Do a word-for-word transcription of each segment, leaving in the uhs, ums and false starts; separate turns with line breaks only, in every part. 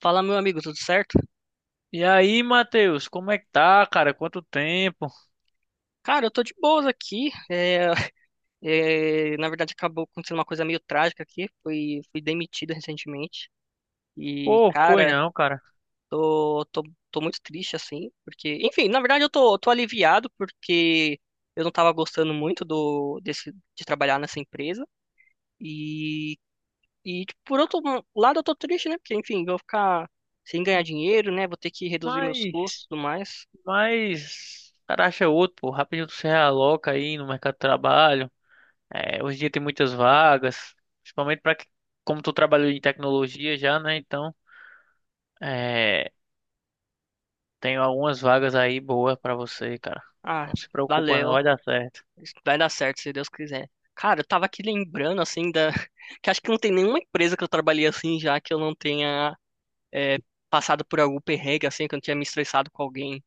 Fala, meu amigo, tudo certo?
E aí, Matheus, como é que tá, cara? Quanto tempo?
Cara, eu tô de boas aqui. É, é, na verdade, acabou acontecendo uma coisa meio trágica aqui. Fui, fui demitido recentemente. E,
Pô, foi
cara,
não, cara.
tô, tô, tô muito triste, assim. Porque, enfim, na verdade, eu tô, tô aliviado porque eu não tava gostando muito do, desse, de trabalhar nessa empresa. E, e, tipo, por outro lado, eu tô triste, né? Porque, enfim, vou ficar sem ganhar dinheiro, né? Vou ter que reduzir meus custos
Mas,
e tudo mais.
mas, o cara acha outro, pô. Rapidinho tu se realoca aí no mercado de trabalho. É, hoje em dia tem muitas vagas, principalmente pra que, como tu trabalhou em tecnologia já, né? Então, é, tem algumas vagas aí boas pra você, cara.
Ah,
Não se preocupa, não,
valeu.
vai dar certo.
Isso vai dar certo, se Deus quiser. Cara, eu tava aqui lembrando, assim, da... que acho que não tem nenhuma empresa que eu trabalhei assim já que eu não tenha é, passado por algum perrengue, assim, que eu não tinha me estressado com alguém.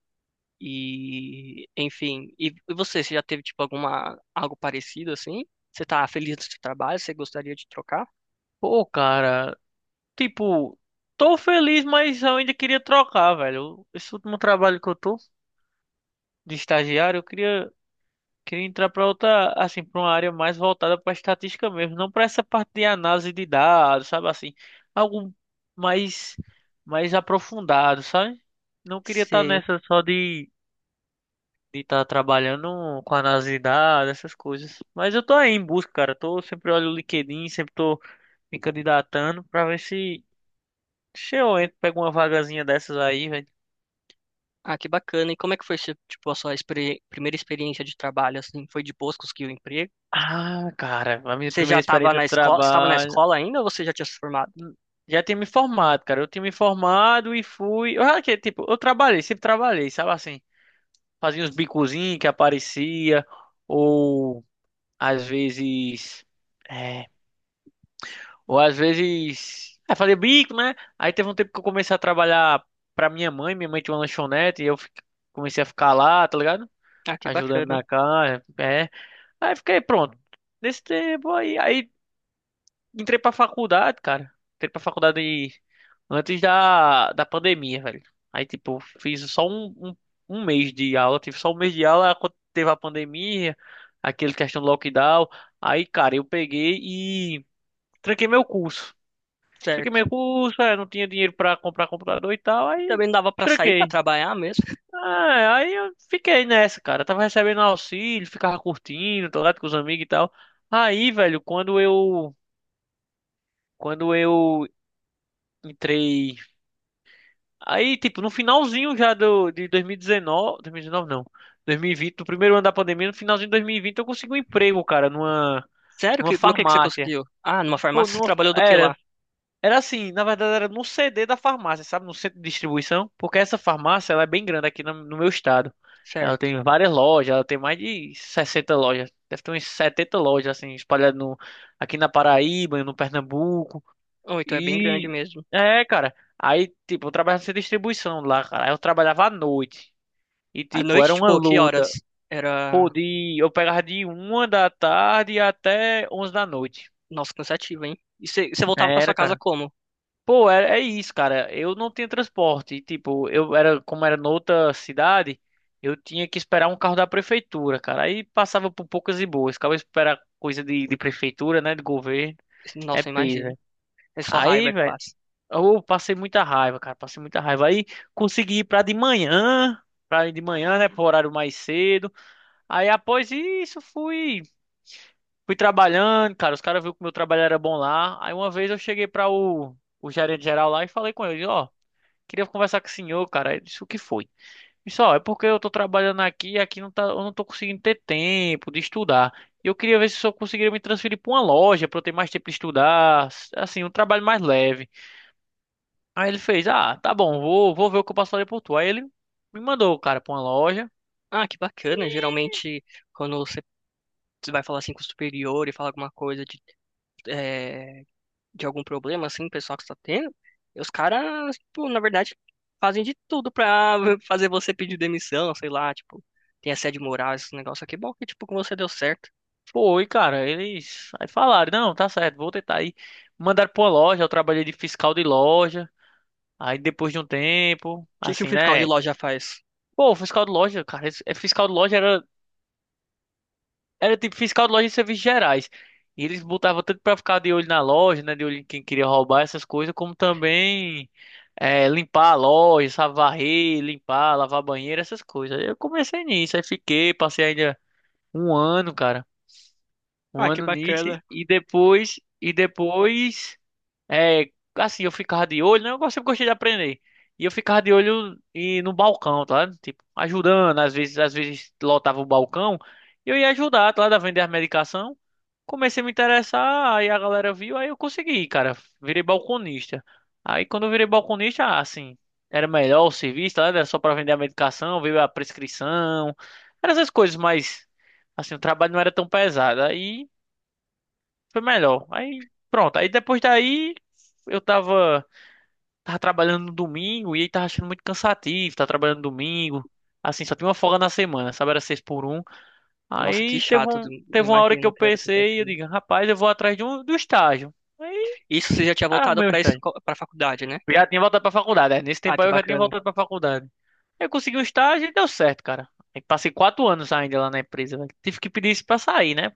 E, enfim. E e você, você já teve, tipo, alguma... algo parecido, assim? Você tá feliz do seu trabalho? Você gostaria de trocar?
Pô, cara, tipo, tô feliz, mas eu ainda queria trocar, velho. Esse último trabalho que eu tô de estagiário, eu queria. Queria entrar para outra, assim, para uma área mais voltada para estatística mesmo, não para essa parte de análise de dados, sabe assim, algo mais mais aprofundado, sabe? Não queria estar
Sei.
nessa só de de estar trabalhando com análise de dados, essas coisas. Mas eu tô aí em busca, cara. Tô sempre olho o LinkedIn, sempre tô me candidatando para ver se se eu entro, pego uma vagazinha dessas aí, velho.
Ah, que bacana. E como é que foi, tipo, a sua experi- primeira experiência de trabalho, assim? Foi de boas, conseguiu o emprego?
Ah, cara, a minha
Você já
primeira
estava
experiência
na
de
escola, estava na
trabalho.
escola ainda ou você já tinha se formado?
Já tinha me formado, cara. Eu tinha me formado e fui. Eu, já que, tipo, eu trabalhei, sempre trabalhei, sabe assim? Fazia uns bicozinhos que aparecia, ou às vezes. É, ou às vezes. É, fazia bico, né? Aí teve um tempo que eu comecei a trabalhar pra minha mãe. Minha mãe tinha uma lanchonete e eu fi- comecei a ficar lá, tá ligado?
Ah, que
Ajudando
bacana.
na casa. É. Aí fiquei pronto. Nesse tempo aí. Aí entrei pra faculdade, cara. Entrei pra faculdade antes da, da pandemia, velho. Aí, tipo, fiz só um, um, um mês de aula. Tive só um mês de aula quando teve a pandemia, aquele questão do lockdown. Aí, cara, eu peguei e tranquei meu curso. Tranquei meu
Certo.
curso, é, não tinha dinheiro pra comprar computador e tal,
E
aí
também dava para sair para
tranquei.
trabalhar mesmo?
Ah, aí eu fiquei nessa, cara. Tava recebendo auxílio, ficava curtindo, tô lá com os amigos e tal. Aí, velho, quando eu, quando eu entrei. Aí, tipo, no finalzinho já do, de dois mil e dezenove, dois mil e dezenove não, dois mil e vinte, do primeiro ano da pandemia, no finalzinho de dois mil e vinte eu consegui um emprego, cara, numa,
Sério?
numa
Que, no que que você
farmácia.
conseguiu? Ah, numa
Pô,
farmácia você
numa,
trabalhou do que
era,
lá?
era assim, na verdade era no C D da farmácia, sabe, no centro de distribuição, porque essa farmácia, ela é bem grande aqui no, no meu estado. Ela
Certo.
tem várias lojas, ela tem mais de sessenta lojas, deve ter umas setenta lojas, assim, espalhadas no, aqui na Paraíba, no Pernambuco,
Oh, então é bem grande
e
mesmo.
é, cara. Aí, tipo, eu trabalhava nessa distribuição lá, cara. Aí eu trabalhava à noite. E,
À
tipo, era
noite,
uma
tipo, que
luta.
horas?
Pô,
Era.
de... eu pegava de uma da tarde até onze da noite.
Nossa, cansativo, hein? E você você voltava para sua
Era,
casa
cara.
como?
Pô, é, é isso, cara. Eu não tinha transporte. E, tipo, eu era, como era noutra cidade, eu tinha que esperar um carro da prefeitura, cara. Aí passava por poucas e boas. Ficava esperar coisa de, de prefeitura, né? De governo. É
Nossa, eu
peso, né?
imagino. É só
Aí,
raiva que
velho.
passa.
Eu passei muita raiva, cara, passei muita raiva. Aí consegui ir pra de manhã, pra ir de manhã, né, pro horário mais cedo. Aí após isso fui fui trabalhando, cara, os caras viram que o meu trabalho era bom lá. Aí uma vez eu cheguei pra o, o gerente geral lá e falei com ele, ó, queria conversar com o senhor, cara. Ele disse, o que foi? Isso, ó, é porque eu tô trabalhando aqui e aqui não tá, eu não tô conseguindo ter tempo de estudar. E eu queria ver se o senhor conseguiria me transferir pra uma loja pra eu ter mais tempo de estudar, assim, um trabalho mais leve. Aí ele fez, ah, tá bom, vou, vou ver o que eu posso fazer por tu. Aí ele me mandou, cara, pra uma loja.
Ah, que bacana.
E
Geralmente, quando você você vai falar assim com o superior e falar alguma coisa de, eh, de algum problema, assim, pessoal que está tendo, e os caras, tipo, na verdade, fazem de tudo pra fazer você pedir demissão, sei lá, tipo, tem assédio moral, esse negócio aqui. Bom, que, tipo, com você deu certo. O
foi, cara, eles aí falaram, não, tá certo, vou tentar aí. Mandaram pra uma loja, eu trabalhei de fiscal de loja. Aí depois de um tempo,
que que o
assim,
fiscal de
né?
loja faz?
Pô, fiscal de loja, cara, esse- é, fiscal de loja era. Era tipo fiscal de loja e serviços gerais. E eles botavam tanto pra ficar de olho na loja, né? De olho em quem queria roubar essas coisas, como também eh, limpar a loja, sabe, varrer, limpar, lavar banheiro, essas coisas. Aí eu comecei nisso, aí fiquei, passei ainda um ano, cara. Um
Ah, que
ano nisso.
bacana.
E depois, e depois é, assim, eu ficava de olho, né? Eu gosto- sempre gostei de aprender. E eu ficava de olho e no balcão, tá ligado? Tipo, ajudando, às vezes, às vezes lotava o balcão, e eu ia ajudar, tá ligado? A vender a medicação. Comecei a me interessar, aí a galera viu, aí eu consegui, cara. Virei balconista. Aí quando eu virei balconista, ah, assim, era melhor o serviço, tá ligado? Era só pra vender a medicação, veio a prescrição, eram essas coisas, mas assim, o trabalho não era tão pesado. Aí foi melhor. Aí, pronto. Aí depois daí, eu tava, tava trabalhando no domingo e aí tava achando muito cansativo. Tava trabalhando no domingo. Assim, só tinha uma folga na semana, sabe? Era seis por um.
Nossa, que
Aí teve,
chato,
um,
eu
teve uma hora que
imagino
eu
que era
pensei, eu
cansativo.
digo, rapaz, eu vou atrás de um, do estágio. Aí
Isso você já tinha voltado
arrumei o
pra,
estágio.
esco- pra faculdade, né?
Eu já tinha voltado pra faculdade, né? Nesse
Ah,
tempo
que
aí eu já tinha
bacana.
voltado pra faculdade. Eu consegui um estágio e deu certo, cara. Aí passei quatro anos ainda lá na empresa, velho. Tive que pedir isso pra sair, né?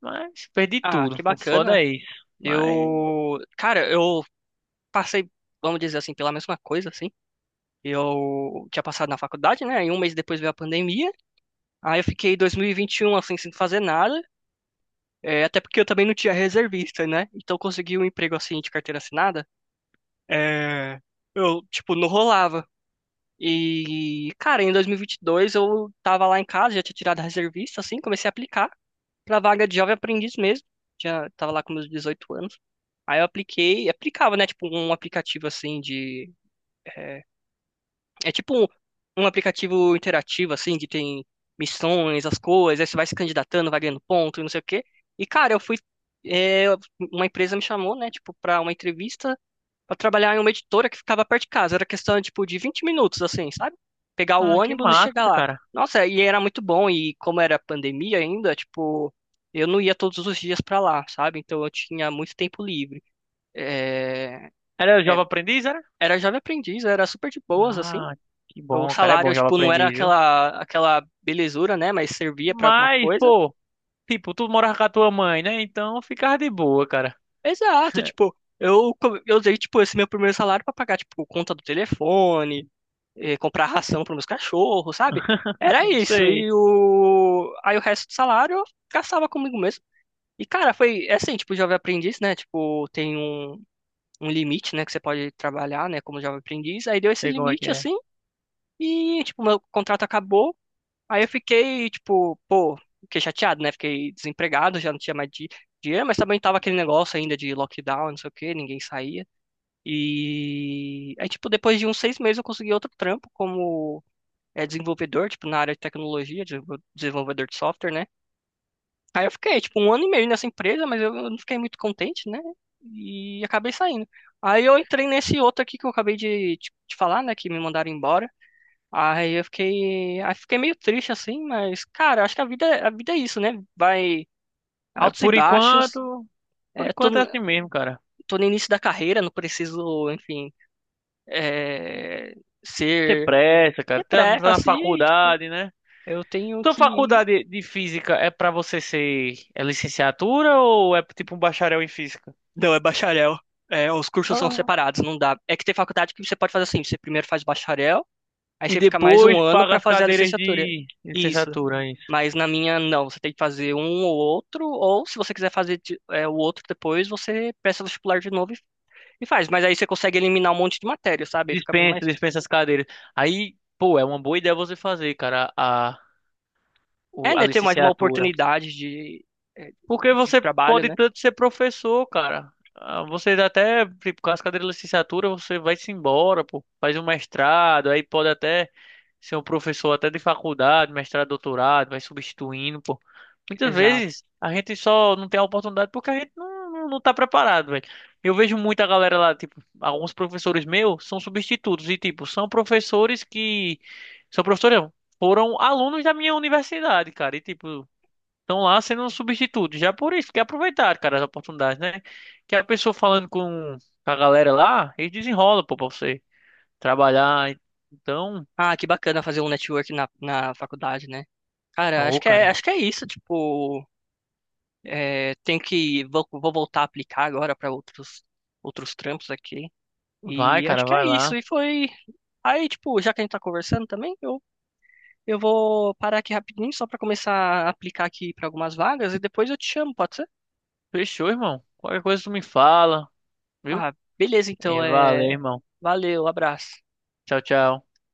Mas perdi
Ah,
tudo.
que
O foda
bacana.
é isso. Mas
Eu, cara, eu passei, vamos dizer assim, pela mesma coisa, assim. Eu tinha passado na faculdade, né? E um mês depois veio a pandemia. Aí eu fiquei dois mil e vinte e um assim sem fazer nada, é, até porque eu também não tinha reservista, né? Então eu consegui um emprego assim de carteira assinada, é, eu tipo não rolava. E cara, em dois mil e vinte e dois eu tava lá em casa, já tinha tirado a reservista assim, comecei a aplicar pra vaga de jovem aprendiz mesmo. Já tava lá com meus dezoito anos. Aí eu apliquei, aplicava, né, tipo um aplicativo assim de é, É tipo um, um aplicativo interativo, assim, que tem missões, as coisas, aí você vai se candidatando, vai ganhando ponto e não sei o quê. E, cara, eu fui. é, uma empresa me chamou, né, tipo, pra uma entrevista pra trabalhar em uma editora que ficava perto de casa. Era questão, tipo, de vinte minutos, assim, sabe? Pegar o
ah, que
ônibus e
massa,
chegar lá.
cara.
Nossa, e era muito bom, e como era pandemia ainda, tipo, eu não ia todos os dias pra lá, sabe? Então eu tinha muito tempo livre. É,
Era
é,
Jovem Aprendiz, era?
era jovem aprendiz, era super de boas, assim.
Ah, que
O
bom, cara. É bom
salário,
Jovem
tipo, não era
Aprendiz, viu?
aquela, aquela belezura, né? Mas servia pra alguma
Mas,
coisa.
pô, tipo, tu morava com a tua mãe, né? Então ficava de boa, cara.
Exato, tipo, eu, co- eu usei, tipo, esse meu primeiro salário pra pagar, tipo, conta do telefone, eh, comprar ração pros meus cachorros, sabe? Era
Não
isso.
sei,
E o... Aí o resto do salário eu gastava comigo mesmo. E, cara, foi é assim, tipo, jovem aprendiz, né? Tipo, tem um, um limite, né? Que você pode trabalhar, né? Como jovem aprendiz. Aí deu esse
sei como é que
limite,
é.
assim, e, tipo, meu contrato acabou. Aí eu fiquei, tipo, pô, fiquei chateado, né? Fiquei desempregado, já não tinha mais di- dinheiro, mas também tava aquele negócio ainda de lockdown, não sei o quê, ninguém saía. E aí, tipo, depois de uns seis meses eu consegui outro trampo como é, desenvolvedor, tipo, na área de tecnologia, desenvol- desenvolvedor de software, né? Aí eu fiquei, tipo, um ano e meio nessa empresa, mas eu eu não fiquei muito contente, né? E acabei saindo. Aí eu entrei nesse outro aqui que eu acabei de te te falar, né? Que me mandaram embora. Aí eu fiquei, aí fiquei meio triste assim, mas cara, acho que a vida, a vida é isso, né? Vai
Aí,
altos e
por
baixos.
enquanto, por
É, tô,
enquanto é assim mesmo, cara.
tô no início da carreira, não preciso, enfim, é,
Tem
ser
pressa, cara. Tá, tá
depressa
na
assim, tipo,
faculdade, né?
eu tenho
Tua
que.
faculdade de física é pra você ser é licenciatura ou é tipo um bacharel em física?
Não, é bacharel. É, os cursos são
Ah,
separados, não dá. É que tem faculdade que você pode fazer assim, você primeiro faz bacharel, aí
e
você fica mais
depois
um ano
paga
pra
as
fazer a
cadeiras de
licenciatura. Isso.
licenciatura.
Mas na minha, não. Você tem que fazer um ou outro, ou se você quiser fazer de- é, o outro depois, você presta vestibular de novo e, e faz. Mas aí você consegue eliminar um monte de matéria, sabe? Aí fica bem
Dispensa,
mais.
dispensa as cadeiras. Aí, pô, é uma boa ideia você fazer, cara, a,
É,
o- a
né? Ter mais uma
licenciatura.
oportunidade de, é,
Porque
de
você
trabalho,
pode
né?
tanto ser professor, cara. Ah, você até, tipo, com as cadeiras de licenciatura, você vai-se embora, pô. Faz um mestrado, aí pode até ser um professor até de faculdade, mestrado, doutorado, vai substituindo, pô. Muitas
Exato.
vezes a gente só não tem a oportunidade porque a gente não, não, não tá preparado, velho. Eu vejo muita galera lá, tipo, alguns professores meus são substitutos e, tipo, são professores que... São professores, não, foram alunos da minha universidade, cara, e, tipo... Estão lá sendo um substituto, já por isso, que aproveitar, cara, as oportunidades, né? Que a pessoa falando com a galera lá, eles desenrolam, pô, pra você trabalhar. Então,
Ah, que bacana fazer um network na, na faculdade, né? Cara, acho
ô,
que é,
cara,
acho que é isso. Tipo, é, tem que. Vou, vou voltar a aplicar agora para outros, outros trampos aqui.
vai,
E acho
cara,
que é
vai lá.
isso. E foi. Aí, tipo, já que a gente tá conversando também, eu Eu vou parar aqui rapidinho só para começar a aplicar aqui para algumas vagas e depois eu te chamo, pode ser?
Fechou, irmão. Qualquer coisa tu me fala, viu?
Ah, beleza, então
E valeu,
é.
irmão.
Valeu, abraço.
Tchau, tchau.